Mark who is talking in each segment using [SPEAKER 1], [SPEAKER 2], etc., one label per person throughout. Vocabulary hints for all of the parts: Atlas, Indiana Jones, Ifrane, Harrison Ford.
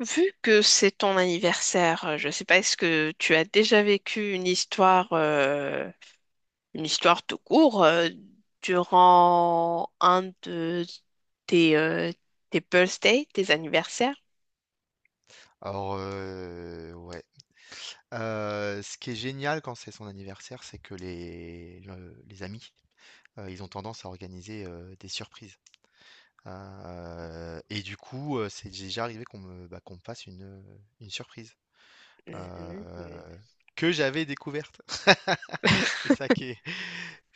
[SPEAKER 1] Vu que c'est ton anniversaire, je ne sais pas, est-ce que tu as déjà vécu une histoire tout court, durant un de tes, tes birthdays, tes anniversaires.
[SPEAKER 2] Alors, ouais. Ce qui est génial quand c'est son anniversaire, c'est que les amis, ils ont tendance à organiser, des surprises. Hein. Et du coup, c'est déjà arrivé qu'on me fasse une surprise, heu,
[SPEAKER 1] Mhm,
[SPEAKER 2] que j'avais découverte. C'est ça qui est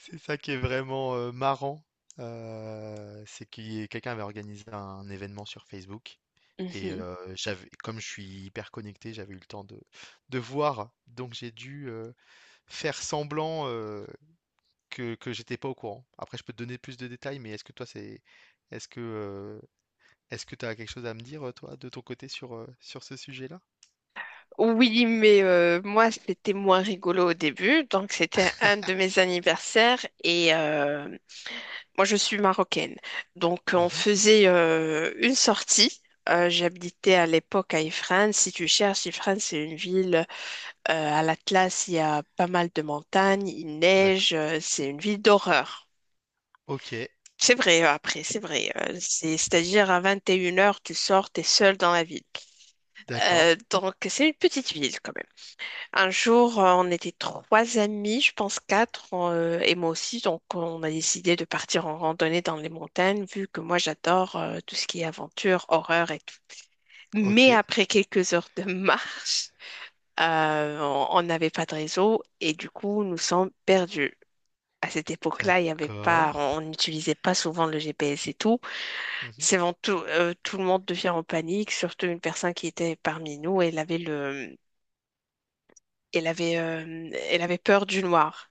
[SPEAKER 2] c'est ça qui est vraiment, marrant, c'est qui quelqu'un avait organisé un événement sur Facebook et
[SPEAKER 1] mhm.
[SPEAKER 2] j'avais comme je suis hyper connecté, j'avais eu le temps de voir, donc j'ai dû, faire semblant, que j'étais pas au courant. Après je peux te donner plus de détails, mais est-ce que, heu, est-ce que tu as quelque chose à me dire, toi, de ton côté sur, sur ce sujet-là?
[SPEAKER 1] Oui, mais moi, c'était moins rigolo au début. Donc, c'était un de mes anniversaires et moi, je suis marocaine. Donc, on
[SPEAKER 2] Mmh.
[SPEAKER 1] faisait une sortie. J'habitais à l'époque à Ifrane. Si tu cherches, Ifrane, c'est une ville à l'Atlas. Il y a pas mal de montagnes, il neige.
[SPEAKER 2] D'accord.
[SPEAKER 1] C'est une ville d'horreur.
[SPEAKER 2] OK.
[SPEAKER 1] C'est vrai, après, c'est vrai. C'est, c'est-à-dire à 21 heures, tu sors, t'es seul dans la ville.
[SPEAKER 2] D'accord.
[SPEAKER 1] Donc, c'est une petite ville quand même. Un jour, on était trois amis, je pense quatre, et moi aussi. Donc, on a décidé de partir en randonnée dans les montagnes, vu que moi, j'adore tout ce qui est aventure, horreur et tout. Mais
[SPEAKER 2] OK.
[SPEAKER 1] après quelques heures de marche, on n'avait pas de réseau et du coup, nous sommes perdus. À cette époque-là, il y avait
[SPEAKER 2] D'accord.
[SPEAKER 1] pas, on n'utilisait pas souvent le GPS et tout.
[SPEAKER 2] Mmh.
[SPEAKER 1] C'est vraiment tout, tout le monde devient en panique, surtout une personne qui était parmi nous. Elle avait le, elle avait peur du noir.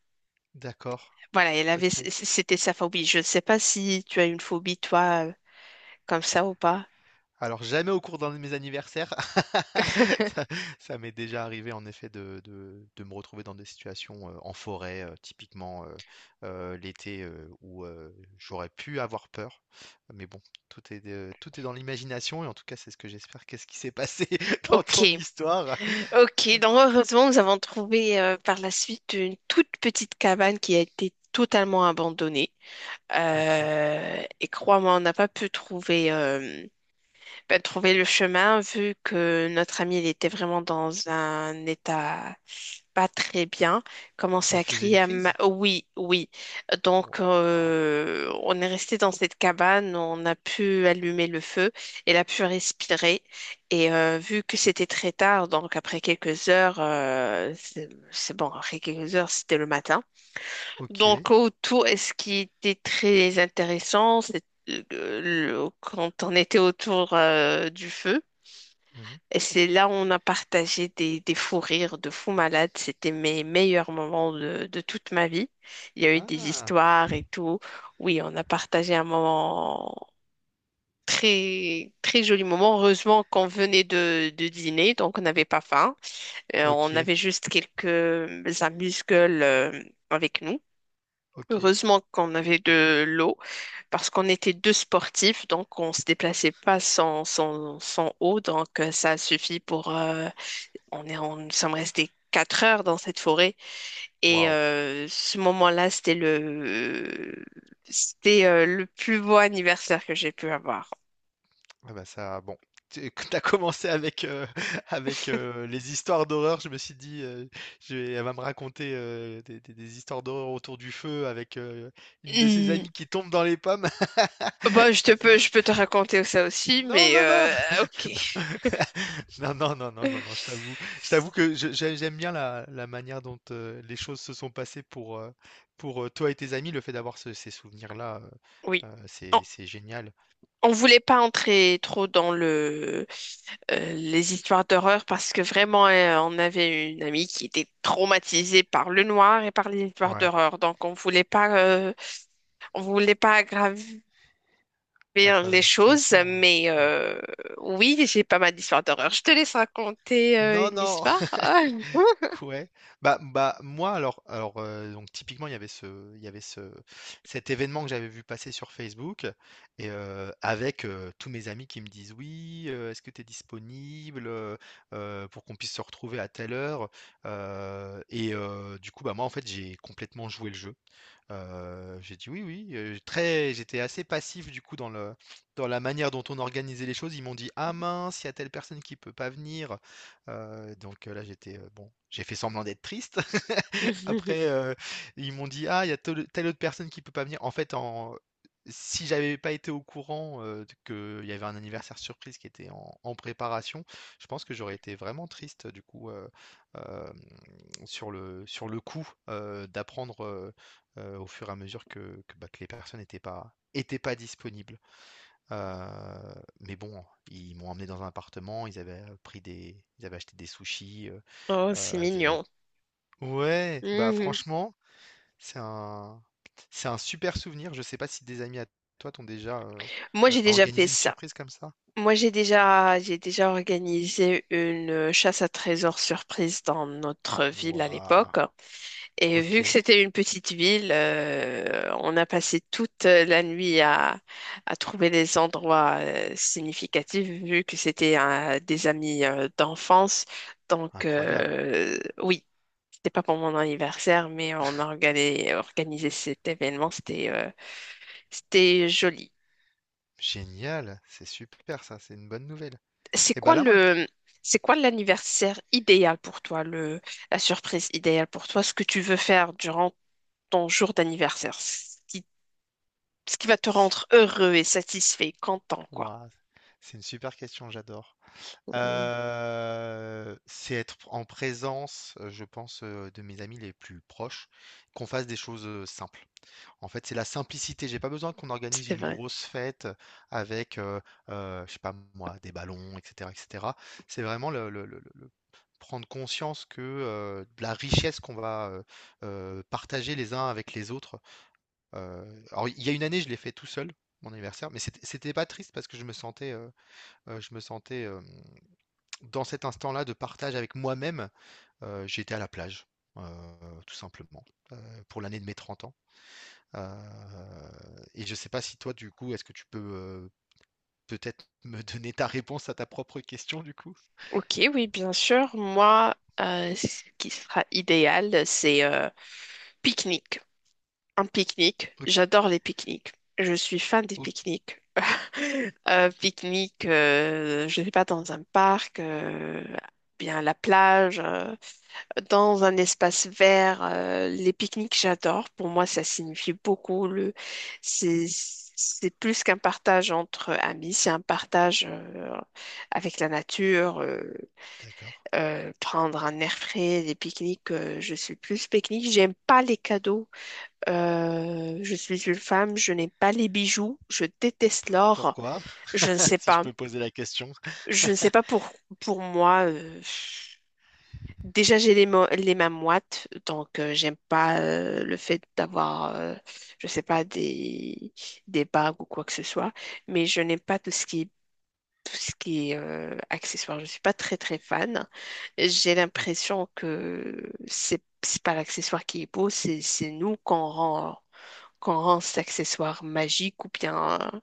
[SPEAKER 2] D'accord.
[SPEAKER 1] Voilà, elle avait,
[SPEAKER 2] OK.
[SPEAKER 1] c'était sa phobie. Je ne sais pas si tu as une phobie, toi, comme ça ou pas.
[SPEAKER 2] Alors jamais au cours d'un de mes anniversaires. Ça Ça m'est déjà arrivé en effet de de me retrouver dans des situations, en forêt, typiquement, l'été, où, j'aurais pu avoir peur. Mais bon, tout est dans l'imagination et en tout cas, c'est ce que j'espère. Qu'est-ce qui s'est passé dans
[SPEAKER 1] Ok,
[SPEAKER 2] ton histoire?
[SPEAKER 1] ok. Donc heureusement, nous avons trouvé par la suite une toute petite cabane qui a été totalement abandonnée.
[SPEAKER 2] OK.
[SPEAKER 1] Et crois-moi, on n'a pas pu trouver, trouver le chemin vu que notre ami il était vraiment dans un état pas très bien, commençait
[SPEAKER 2] Elle
[SPEAKER 1] à
[SPEAKER 2] faisait
[SPEAKER 1] crier
[SPEAKER 2] une
[SPEAKER 1] à
[SPEAKER 2] crise?
[SPEAKER 1] oui, oui. Donc,
[SPEAKER 2] Waouh!
[SPEAKER 1] on est resté dans cette cabane, on a pu allumer le feu, elle a pu respirer. Et vu que c'était très tard, donc après quelques heures, c'est bon, après quelques heures, c'était le matin.
[SPEAKER 2] OK.
[SPEAKER 1] Donc, autour, et ce qui était très intéressant, c'est quand on était autour du feu,
[SPEAKER 2] Mmh.
[SPEAKER 1] et c'est là où on a partagé des fous rires de fous malades. C'était mes meilleurs moments de toute ma vie. Il y a eu des
[SPEAKER 2] Ah!
[SPEAKER 1] histoires et tout. Oui, on a partagé un moment très, très joli moment. Heureusement qu'on venait de dîner, donc on n'avait pas faim. On
[SPEAKER 2] OK,
[SPEAKER 1] avait juste quelques amuse-gueules avec nous.
[SPEAKER 2] OK.
[SPEAKER 1] Heureusement qu'on avait de l'eau parce qu'on était deux sportifs, donc on se déplaçait pas sans eau, donc ça suffit pour nous sommes restés quatre heures dans cette forêt et
[SPEAKER 2] Waouh!
[SPEAKER 1] ce moment-là, c'était le plus beau anniversaire que j'ai pu avoir.
[SPEAKER 2] Ah bah ça, bon, tu as commencé avec, avec, les histoires d'horreur. Je me suis dit, je vais elle va me raconter, des histoires d'horreur autour du feu avec, une de ses
[SPEAKER 1] Hmm.
[SPEAKER 2] amies qui tombe dans les pommes.
[SPEAKER 1] Bon, je peux te raconter ça aussi,
[SPEAKER 2] Non,
[SPEAKER 1] mais
[SPEAKER 2] non, non,
[SPEAKER 1] ok.
[SPEAKER 2] non, non, non, non, non, non, non, je t'avoue que je j'ai j'aime bien la manière dont, les choses se sont passées pour, toi et tes amis. Le fait d'avoir ce ces souvenirs-là,
[SPEAKER 1] Oui. On,
[SPEAKER 2] c'est génial.
[SPEAKER 1] on voulait pas entrer trop dans les histoires d'horreur parce que vraiment, on avait une amie qui était traumatisée par le noir et par les histoires
[SPEAKER 2] Ouais,
[SPEAKER 1] d'horreur, donc on voulait pas on voulait pas aggraver
[SPEAKER 2] aggraver
[SPEAKER 1] les
[SPEAKER 2] la
[SPEAKER 1] choses,
[SPEAKER 2] situation, ouais,
[SPEAKER 1] mais
[SPEAKER 2] ouais.
[SPEAKER 1] oui, j'ai pas mal d'histoires d'horreur. Je te laisse raconter
[SPEAKER 2] Non,
[SPEAKER 1] une
[SPEAKER 2] non!
[SPEAKER 1] histoire. Ah.
[SPEAKER 2] Ouais, bah bah moi alors donc typiquement il y avait ce cet événement que j'avais vu passer sur Facebook et avec tous mes amis qui me disent oui est-ce que tu es disponible pour qu'on puisse se retrouver à telle heure. Et du coup bah moi en fait j'ai complètement joué le jeu. J'ai dit: «Oui, oui», très j'étais assez passif du coup dans le dans la manière dont on organisait les choses. Ils m'ont dit: «Ah mince, il y a telle personne qui peut pas venir», donc, là j'étais, bon, j'ai fait semblant d'être triste. Après, ils m'ont dit: «Ah, il y a telle autre personne qui peut pas venir». En fait, en Si j'avais pas été au courant, d qu'il y avait un anniversaire surprise qui était en préparation, je pense que j'aurais été vraiment triste, du coup, hem, sur le coup, d'apprendre, au fur et à mesure que les personnes n'étaient pas étaient pas disponibles. Heu, mais bon, ils m'ont emmené dans un appartement, ils avaient acheté des sushis,
[SPEAKER 1] Oh, c'est
[SPEAKER 2] ils avaient
[SPEAKER 1] mignon.
[SPEAKER 2] ouais, bah,
[SPEAKER 1] Mhm.
[SPEAKER 2] franchement c'est un, c'est un super souvenir. Je sais pas si des amis à toi t'ont déjà
[SPEAKER 1] Moi, j'ai déjà fait
[SPEAKER 2] organisé une
[SPEAKER 1] ça.
[SPEAKER 2] surprise comme ça.
[SPEAKER 1] Moi, j'ai déjà organisé une chasse à trésors surprise dans notre ville à
[SPEAKER 2] Waouh,
[SPEAKER 1] l'époque. Et
[SPEAKER 2] OK,
[SPEAKER 1] vu que c'était une petite ville, on a passé toute la nuit à trouver des endroits significatifs, vu que c'était des amis d'enfance. Donc,
[SPEAKER 2] incroyable,
[SPEAKER 1] oui, c'était pas pour mon anniversaire, mais on a organisé cet événement. C'était c'était joli.
[SPEAKER 2] génial, c'est super ça, c'est une bonne nouvelle.
[SPEAKER 1] C'est
[SPEAKER 2] Et bah
[SPEAKER 1] quoi
[SPEAKER 2] là, moi,
[SPEAKER 1] le, c'est quoi l'anniversaire idéal pour toi, la surprise idéale pour toi, ce que tu veux faire durant ton jour d'anniversaire? Si ce qui va te
[SPEAKER 2] si-
[SPEAKER 1] rendre heureux et satisfait, content, quoi.
[SPEAKER 2] Waouh, c'est une super question, j'adore.
[SPEAKER 1] Mm.
[SPEAKER 2] C'est être en présence, je pense, de mes amis les plus proches, qu'on fasse des choses simples. En fait, c'est la simplicité. J'ai pas besoin qu'on organise
[SPEAKER 1] C'est
[SPEAKER 2] une
[SPEAKER 1] vrai.
[SPEAKER 2] grosse fête avec, je sais pas moi, des ballons, etc., etc. C'est vraiment prendre conscience que de la richesse qu'on va partager les uns avec les autres. Alors, il y a une année, je l'ai fait tout seul, mon anniversaire, mais c'était pas triste parce que je me sentais dans cet instant-là de partage avec moi-même. J'étais à la plage, tout simplement, pour l'année de mes 30 ans. Et je sais pas si toi, du coup, est-ce que tu peux peut-être me donner ta réponse à ta propre question, du coup?
[SPEAKER 1] Ok, oui, bien sûr. Moi, ce qui sera idéal, c'est pique-nique. Un pique-nique.
[SPEAKER 2] OK,
[SPEAKER 1] J'adore les pique-niques. Je suis fan des
[SPEAKER 2] OK,
[SPEAKER 1] pique-niques. Pique-nique, je ne sais pas, dans un parc, bien à la plage. Dans un espace vert. Les pique-niques, j'adore. Pour moi, ça signifie beaucoup. C'est plus qu'un partage entre amis, c'est un partage avec la nature.
[SPEAKER 2] d'accord.
[SPEAKER 1] Prendre un air frais, des pique-niques, je suis plus pique-nique. J'aime pas les cadeaux. Je suis une femme, je n'aime pas les bijoux. Je déteste l'or.
[SPEAKER 2] Pourquoi?
[SPEAKER 1] Je ne sais
[SPEAKER 2] Si je
[SPEAKER 1] pas.
[SPEAKER 2] peux poser la question.
[SPEAKER 1] Je ne sais pas pour, pour moi. Déjà, les mains moites, donc j'aime pas le fait d'avoir, je sais pas, des bagues ou quoi que ce soit, mais je n'aime pas tout ce qui est accessoire. Je suis pas très très fan. J'ai
[SPEAKER 2] Et
[SPEAKER 1] l'impression que c'est pas l'accessoire qui est beau, c'est nous qu'on rend cet accessoire magique ou bien.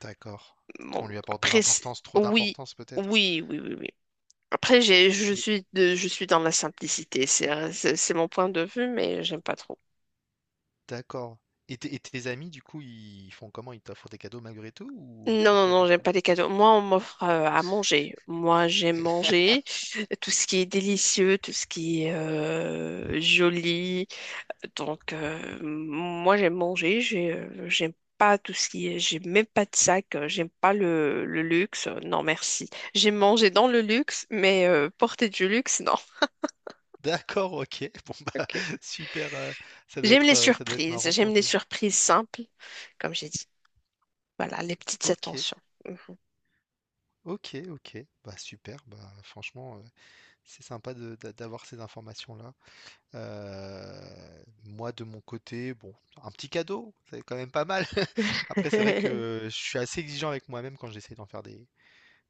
[SPEAKER 2] d'accord.
[SPEAKER 1] Bon,
[SPEAKER 2] On lui apporte de
[SPEAKER 1] après,
[SPEAKER 2] l'importance, trop
[SPEAKER 1] oui,
[SPEAKER 2] d'importance peut-être.
[SPEAKER 1] oui, oui, oui, oui. Après, j'ai, je
[SPEAKER 2] Et
[SPEAKER 1] suis de, je suis dans la simplicité. C'est mon point de vue, mais j'aime pas trop.
[SPEAKER 2] d'accord. Et, tes amis, du coup, ils font comment? Ils t'offrent des cadeaux malgré tout
[SPEAKER 1] Non,
[SPEAKER 2] ou
[SPEAKER 1] non,
[SPEAKER 2] pas
[SPEAKER 1] non,
[SPEAKER 2] du
[SPEAKER 1] j'aime
[SPEAKER 2] tout?
[SPEAKER 1] pas les cadeaux. Moi, on m'offre à manger. Moi, j'aime manger tout ce qui est délicieux, tout ce qui est joli. Donc, moi, j'aime manger. J'aime pas tout ce qui est. J'aime même pas de sac. J'aime pas le luxe. Non, merci. J'aime manger dans le luxe, mais porter du luxe, non.
[SPEAKER 2] D'accord, OK. Bon bah
[SPEAKER 1] Ok.
[SPEAKER 2] super.
[SPEAKER 1] J'aime les
[SPEAKER 2] Ça doit être
[SPEAKER 1] surprises.
[SPEAKER 2] marrant pour
[SPEAKER 1] J'aime les
[SPEAKER 2] ta...
[SPEAKER 1] surprises simples, comme j'ai dit. Voilà, les petites
[SPEAKER 2] OK,
[SPEAKER 1] attentions. Mhm.
[SPEAKER 2] OK, OK. Bah super. Bah franchement, c'est sympa d'avoir ces informations-là. Moi, de mon côté, bon, un petit cadeau, c'est quand même pas mal. Après, c'est vrai que je suis assez exigeant avec moi-même quand j'essaie d'en faire des,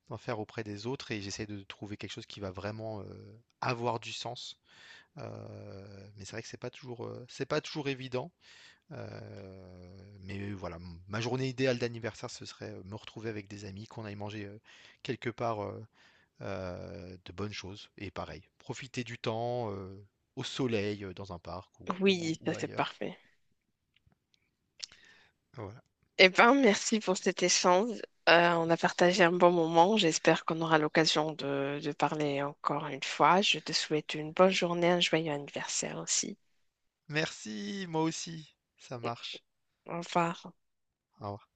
[SPEAKER 2] d'en faire auprès des autres et j'essaie de trouver quelque chose qui va vraiment avoir du sens. Mais c'est vrai que c'est pas toujours évident. Mais voilà, ma journée idéale d'anniversaire, ce serait me retrouver avec des amis, qu'on aille manger quelque part. De bonnes choses et pareil, profiter du temps, au soleil, dans un parc
[SPEAKER 1] Oui, ça
[SPEAKER 2] ou
[SPEAKER 1] c'est
[SPEAKER 2] ailleurs.
[SPEAKER 1] parfait.
[SPEAKER 2] Voilà.
[SPEAKER 1] Eh ben, merci pour cet échange. On a partagé un bon moment. J'espère qu'on aura l'occasion de parler encore une fois. Je te souhaite une bonne journée, un joyeux anniversaire aussi.
[SPEAKER 2] Merci, moi aussi, ça marche.
[SPEAKER 1] Au revoir.
[SPEAKER 2] Au revoir.